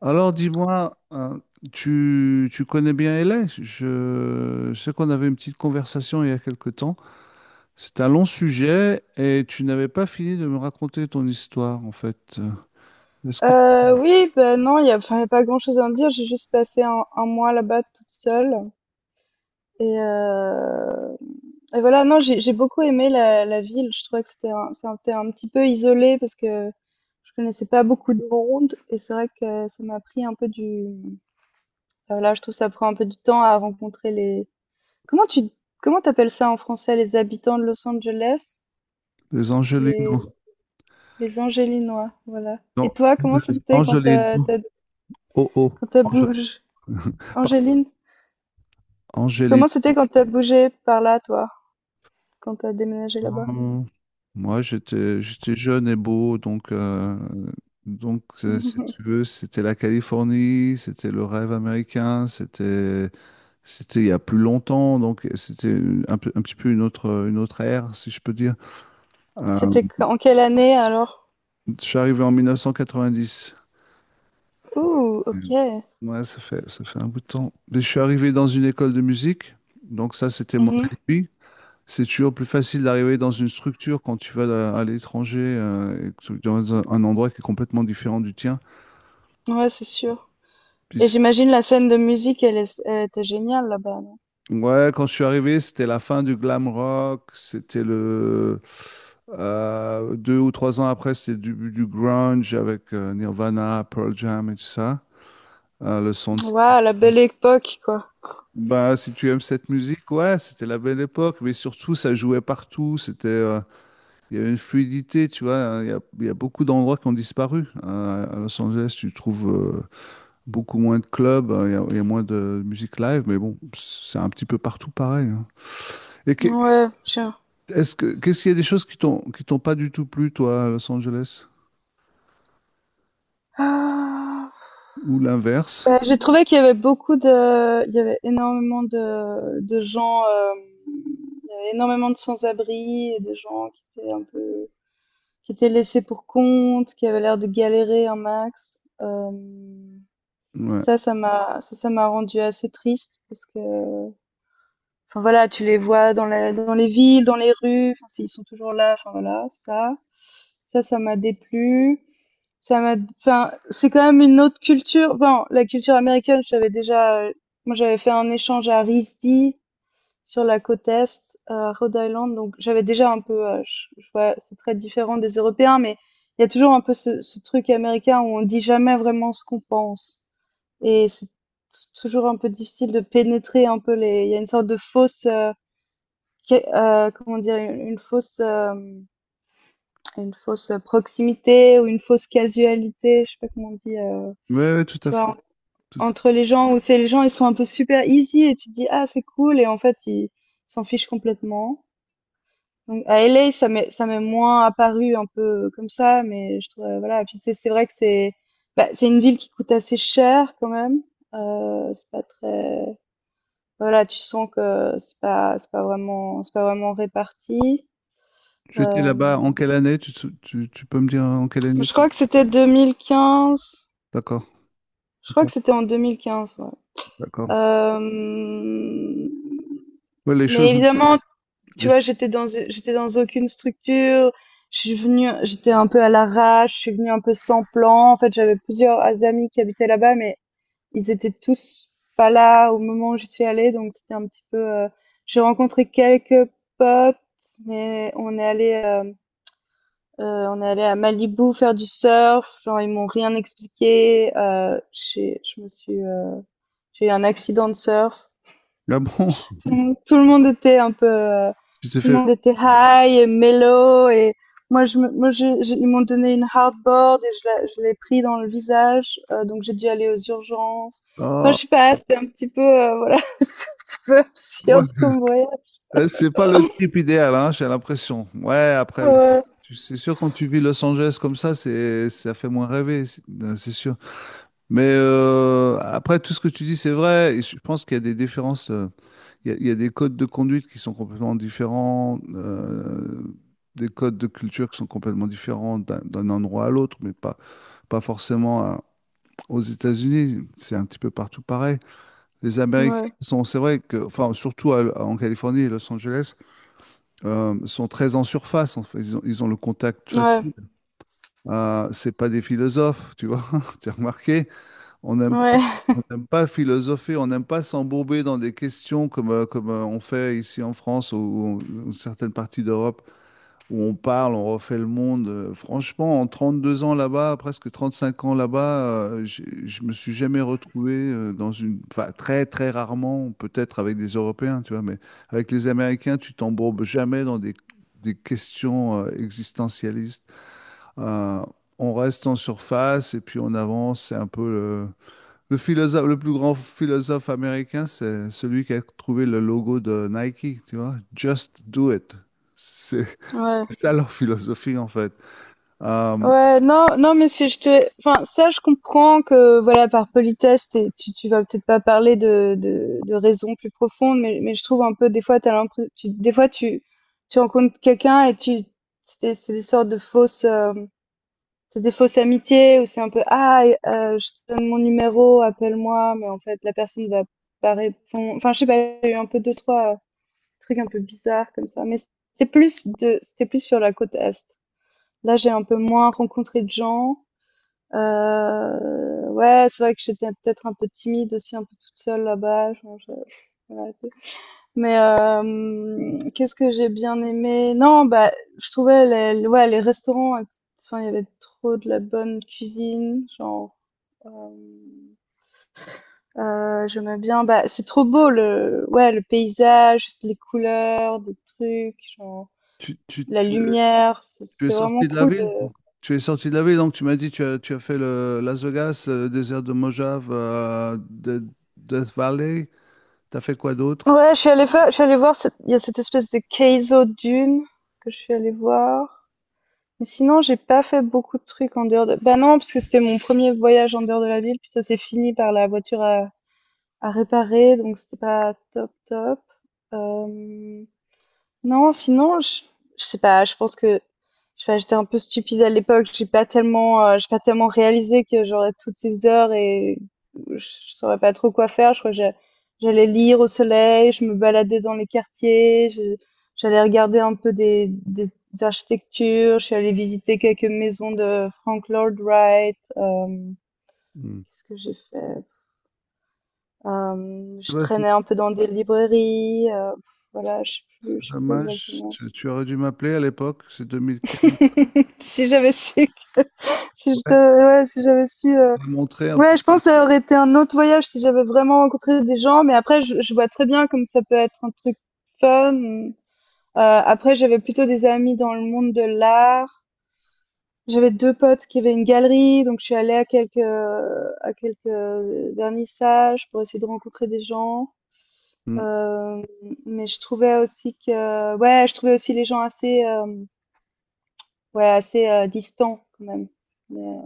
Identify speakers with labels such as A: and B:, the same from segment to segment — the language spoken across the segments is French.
A: Alors dis-moi, hein, tu connais bien LA? Je sais qu'on avait une petite conversation il y a quelque temps. C'est un long sujet et tu n'avais pas fini de me raconter ton histoire en fait. Est-ce que
B: Oui, ben non, il y a pas grand-chose à en dire. J'ai juste passé un mois là-bas toute seule et heu et voilà, non, j'ai beaucoup aimé la ville. Je trouvais que c'était un petit peu isolé parce que je connaissais pas beaucoup de monde, et c'est vrai que ça m'a pris un peu voilà, je trouve que ça prend un peu du temps à rencontrer les comment tu comment t'appelles ça en français? Les habitants de Los Angeles?
A: les Angelinos,
B: Les les Angélinois, voilà. Et
A: non,
B: toi, comment
A: les
B: c'était quand
A: Angelinos, oh oh,
B: tu as bougé,
A: Pardon,
B: Angéline?
A: Angelinos.
B: Comment c'était quand t'as bougé par là, toi? Quand t'as déménagé là-bas?
A: Moi j'étais jeune et beau donc si
B: Mhm.
A: tu veux c'était la Californie, c'était le rêve américain, c'était il y a plus longtemps, donc c'était un petit peu une autre ère, si je peux dire. Euh,
B: C'était en quelle année alors?
A: je suis arrivé en 1990.
B: Ouh, ok.
A: Ouais, ça fait un bout de temps. Mais je suis arrivé dans une école de musique, donc ça, c'était mon
B: Mhm.
A: alibi. C'est toujours plus facile d'arriver dans une structure quand tu vas à l'étranger, et que dans un endroit qui est complètement différent du tien.
B: Ouais, c'est sûr. Et
A: Puis
B: j'imagine la scène de musique, elle était géniale là-bas.
A: ouais, quand je suis arrivé, c'était la fin du glam rock. C'était le Deux ou trois ans après, c'était le début du grunge avec Nirvana, Pearl Jam et tout ça. Le son de...
B: Non Ouais, la belle époque, quoi.
A: Bah, si tu aimes cette musique, ouais, c'était la belle époque. Mais surtout, ça jouait partout. Il y avait une fluidité, tu vois, hein. Il y a beaucoup d'endroits qui ont disparu. À Los Angeles, tu trouves euh, beaucoup moins de clubs. Il y a moins de musique live. Mais bon, c'est un petit peu partout pareil, hein. Et que-
B: Ouais, tiens.
A: Est-ce qu'est-ce qu'il y a des choses qui qui t'ont pas du tout plu, toi, à Los Angeles?
B: Ah.
A: Ou l'inverse?
B: Bah, j'ai trouvé qu'il y avait il y avait énormément de gens, il y avait énormément de sans-abri et de gens qui étaient un peu, qui était laissé pour compte, qui avait l'air de galérer un max. Euh,
A: Ouais.
B: ça, ça m'a, ça m'a rendu assez triste parce que, enfin voilà, tu les vois dans les villes, dans les rues, enfin, ils sont toujours là, enfin voilà, ça m'a déplu. C'est quand même une autre culture. Bon, la culture américaine, j'avais déjà, moi, j'avais fait un échange à RISD, sur la côte est, Rhode Island, donc j'avais déjà un peu, je vois c'est très différent des Européens, mais il y a toujours un peu ce truc américain où on dit jamais vraiment ce qu'on pense, et c'est t toujours un peu difficile de pénétrer un peu les il y a une sorte de fausse, qué comment dire? Une fausse, une fausse proximité, ou une fausse casualité, je sais pas comment on dit,
A: Ouais, ouais, tout à
B: tu
A: fait,
B: vois?
A: tout
B: En
A: à fait.
B: Entre les gens, où c'est les gens, ils sont un peu super easy et tu te dis: «Ah, c'est cool», et en fait, ils s'en fichent complètement. Donc à LA, ça m'est moins apparu un peu comme ça, mais je trouve, voilà. Et puis c'est vrai que c'est une ville qui coûte assez cher quand même. C'est pas très voilà, Tu sens que c'est pas vraiment réparti.
A: Tu étais là-bas en
B: Euh,
A: quelle année? Tu, te sou- tu peux me dire en quelle année
B: je
A: tu...
B: crois que c'était 2015.
A: D'accord,
B: Je
A: ok,
B: crois que c'était en 2015, ouais.
A: d'accord.
B: Euh,
A: Ouais, les
B: mais
A: choses.
B: évidemment, tu
A: les-
B: vois, j'étais dans aucune structure. Je suis venue, j'étais un peu à l'arrache, je suis venue un peu sans plan. En fait, j'avais plusieurs amis qui habitaient là-bas, mais ils étaient tous pas là au moment où je suis allée, donc c'était un petit peu. J'ai rencontré quelques potes, mais on est allé à Malibu faire du surf. Genre, ils m'ont rien expliqué. J'ai eu un accident de surf.
A: Ah bon?
B: Tout le monde était un peu,
A: Tu t'es
B: tout le
A: fait.
B: monde était high et mellow, et moi je, me- moi j'ai- ils m'ont donné une hardboard et je l'ai pris dans le visage, donc j'ai dû aller aux urgences. Enfin
A: Ah,
B: je sais pas, c'était un petit peu, voilà, c'est un petit peu absurde
A: ouais.
B: comme voyage.
A: C'est pas le trip idéal, hein, j'ai l'impression. Ouais, après, oui.
B: Ouais,
A: C'est sûr, quand tu vis Los Angeles comme ça, c'est, ça fait moins rêver, c'est sûr. Mais après, tout ce que tu dis, c'est vrai. Et je pense qu'il y a des différences. Il y a des codes de conduite qui sont complètement différents, des codes de culture qui sont complètement différents d'un endroit à l'autre, mais pas, pas forcément aux États-Unis. C'est un petit peu partout pareil. Les Américains
B: ouais,
A: sont, c'est vrai que, enfin, surtout en Californie et Los Angeles, sont très en surface. En fait. Ils ont le contact
B: ouais,
A: facile. C'est pas des philosophes, tu vois. Tu as remarqué, on aime
B: ouais,
A: on n'aime pas philosopher, on n'aime pas s'embourber dans des questions comme, on fait ici en France ou en certaines parties d'Europe où on parle, on refait le monde. Franchement, en 32 ans là-bas, presque 35 ans là-bas, je me suis jamais retrouvé dans une... Enfin, très, très rarement, peut-être avec des Européens, tu vois, mais avec les Américains, tu t'embourbes jamais dans des questions existentialistes. Euh, on reste en surface et puis on avance, c'est un peu... le philosophe, le plus grand philosophe américain, c'est celui qui a trouvé le logo de Nike, tu vois, Just do it. C'est
B: ouais.
A: c'est ça leur philosophie en fait. Euh,
B: Ouais, non, non, mais si je te, enfin, ça, je comprends que, voilà, par politesse, tu, tu vas peut-être pas parler de raisons plus profondes, mais je trouve un peu, des fois, t'as l'impression, des fois, tu rencontres quelqu'un et c'est des sortes de fausses, c'est des fausses amitiés où c'est un peu, ah, je te donne mon numéro, appelle-moi, mais en fait, la personne va pas répondre. Enfin, je sais pas, il y a eu un peu deux, trois trucs un peu bizarres comme ça, mais c'était plus sur la côte Est. Là, j'ai un peu moins rencontré de gens. Ouais, c'est vrai que j'étais peut-être un peu timide aussi, un peu toute seule là-bas, je vais arrêter. Mais qu'est-ce que j'ai bien aimé? Non, bah, je trouvais les ouais, les restaurants il y avait trop de la bonne cuisine, genre, hem, j'aimais bien, bah, c'est trop beau le ouais, le paysage, les couleurs, des trucs, genre
A: tu, tu-
B: la
A: tu-
B: lumière,
A: Tu es
B: c'était vraiment
A: sorti de la
B: cool.
A: ville, donc, tu es sorti de la ville, donc tu m'as dit tu as fait le Las Vegas, le désert de Mojave, Death Valley. T'as fait quoi d'autre?
B: Ouais, je suis allée voir cette, il y a cette espèce de Keizo Dune que je suis allée voir. Mais sinon, j'ai pas fait beaucoup de trucs en dehors de, bah non, parce que c'était mon premier voyage en dehors de la ville, puis ça s'est fini par la voiture à réparer, donc c'était pas top top. Hem Non, sinon, je sais pas, j'étais un peu stupide à l'époque. J'ai pas tellement réalisé que j'aurais toutes ces heures et je saurais pas trop quoi faire. Je crois que j'allais lire au soleil, je me baladais dans les quartiers, j'allais regarder un peu des architectures, je suis allée visiter quelques maisons de Frank Lloyd Wright.
A: Hmm.
B: Qu'est-ce que j'ai fait? Je
A: Ouais, C'est
B: traînais un peu dans des librairies. Voilà,
A: c'est
B: je sais plus
A: dommage.
B: exactement.
A: Tu aurais dû m'appeler à l'époque, c'est 2015.
B: si j'avais su, si je
A: Ouais.
B: te- Ouais, si j'avais su,
A: Me montrer un
B: ouais, je pense que ça aurait été un autre voyage si j'avais vraiment rencontré des gens. Mais après, je vois très bien comme ça peut être un truc fun. Après, j'avais plutôt des amis dans le monde de l'art. J'avais deux potes qui avaient une galerie, donc je suis allée à quelques vernissages pour essayer de rencontrer des gens.
A: peu.
B: Euh, mais je trouvais aussi que, ouais, je trouvais aussi les gens assez, ouais, assez distants quand même. Mais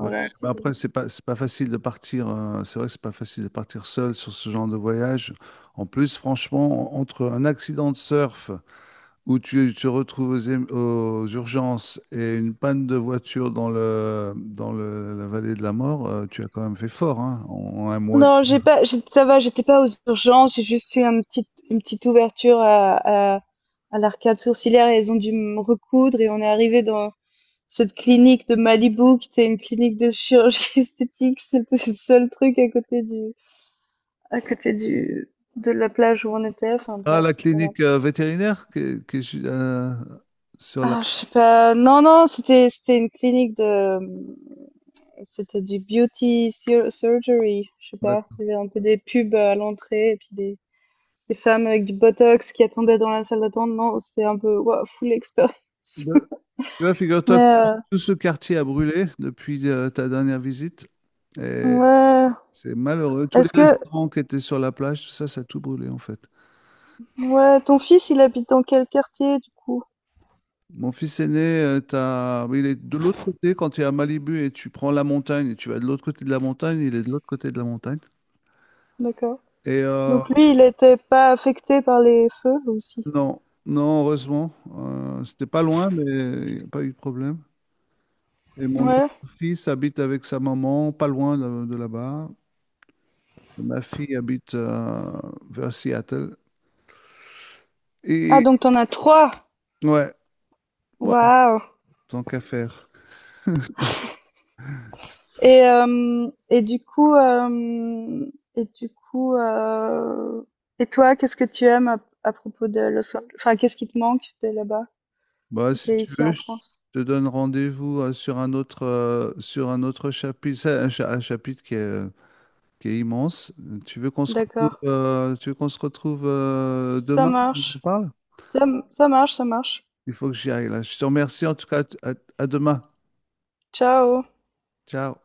A: Ouais, mais après, c'est pas facile de partir. Euh, c'est vrai que c'est pas facile de partir seul sur ce genre de voyage. En plus, franchement, entre un accident de surf où tu te retrouves aux urgences et une panne de voiture dans la vallée de la mort, tu as quand même fait fort, hein, en un mois.
B: Non, j'ai pas j'ai ça va, j'étais pas aux urgences, j'ai juste fait un petit une petite ouverture à l'arcade sourcilière, et elles ont dû me recoudre, et on est arrivé dans cette clinique de Malibu, qui était une clinique de chirurgie esthétique. C'était le seul truc à côté du, à côté du de la plage où on était, enfin
A: Ah,
B: bref,
A: la
B: voilà.
A: clinique vétérinaire qui est sur la.
B: Ah, je sais pas. Non, non, c'était une clinique de, c'était du beauty surgery, je sais pas,
A: la-
B: il y avait un peu des pubs à l'entrée, et puis des femmes avec du botox qui attendaient dans la salle d'attente. Non, c'était un peu wow, full expérience.
A: de- Tu vois,
B: Mais
A: figure-toi, tout ce quartier a brûlé depuis ta dernière visite. Et
B: ouais.
A: c'est malheureux. Tous les
B: Est-ce que
A: restaurants qui étaient sur la plage, tout ça, ça a tout brûlé en fait.
B: Ouais, ton fils, il habite dans quel quartier du coup?
A: Mon fils aîné, t'as... il est de l'autre côté quand tu es à Malibu et tu prends la montagne et tu vas de l'autre côté de la montagne, il est de l'autre côté de la montagne.
B: D'accord.
A: Et
B: Donc lui, il n'était pas affecté par les feux aussi.
A: non, non, heureusement, c'était pas loin, mais il n'y a pas eu de problème. Et mon autre
B: Ouais.
A: fils habite avec sa maman, pas loin de là-bas. Et ma fille habite vers Seattle.
B: Ah,
A: Et
B: donc t'en as trois.
A: ouais, ouais,
B: Waouh.
A: tant qu'à faire.
B: Et du coup et du coup et toi, qu'est-ce que tu aimes à propos de Los Angeles? Enfin, qu'est-ce qui te manque de là-bas
A: Bah,
B: quand
A: si
B: t'es
A: tu
B: ici
A: veux,
B: en
A: je
B: France?
A: te donne rendez-vous sur un autre chapitre. C'est un chapitre qui est immense. Tu veux qu'on se retrouve,
B: D'accord. Ça
A: demain? On en
B: marche.
A: parle?
B: Ça, Ça marche, ça marche.
A: Il faut que j'y aille là. Je te remercie en tout cas. À à demain.
B: Ciao.
A: Ciao.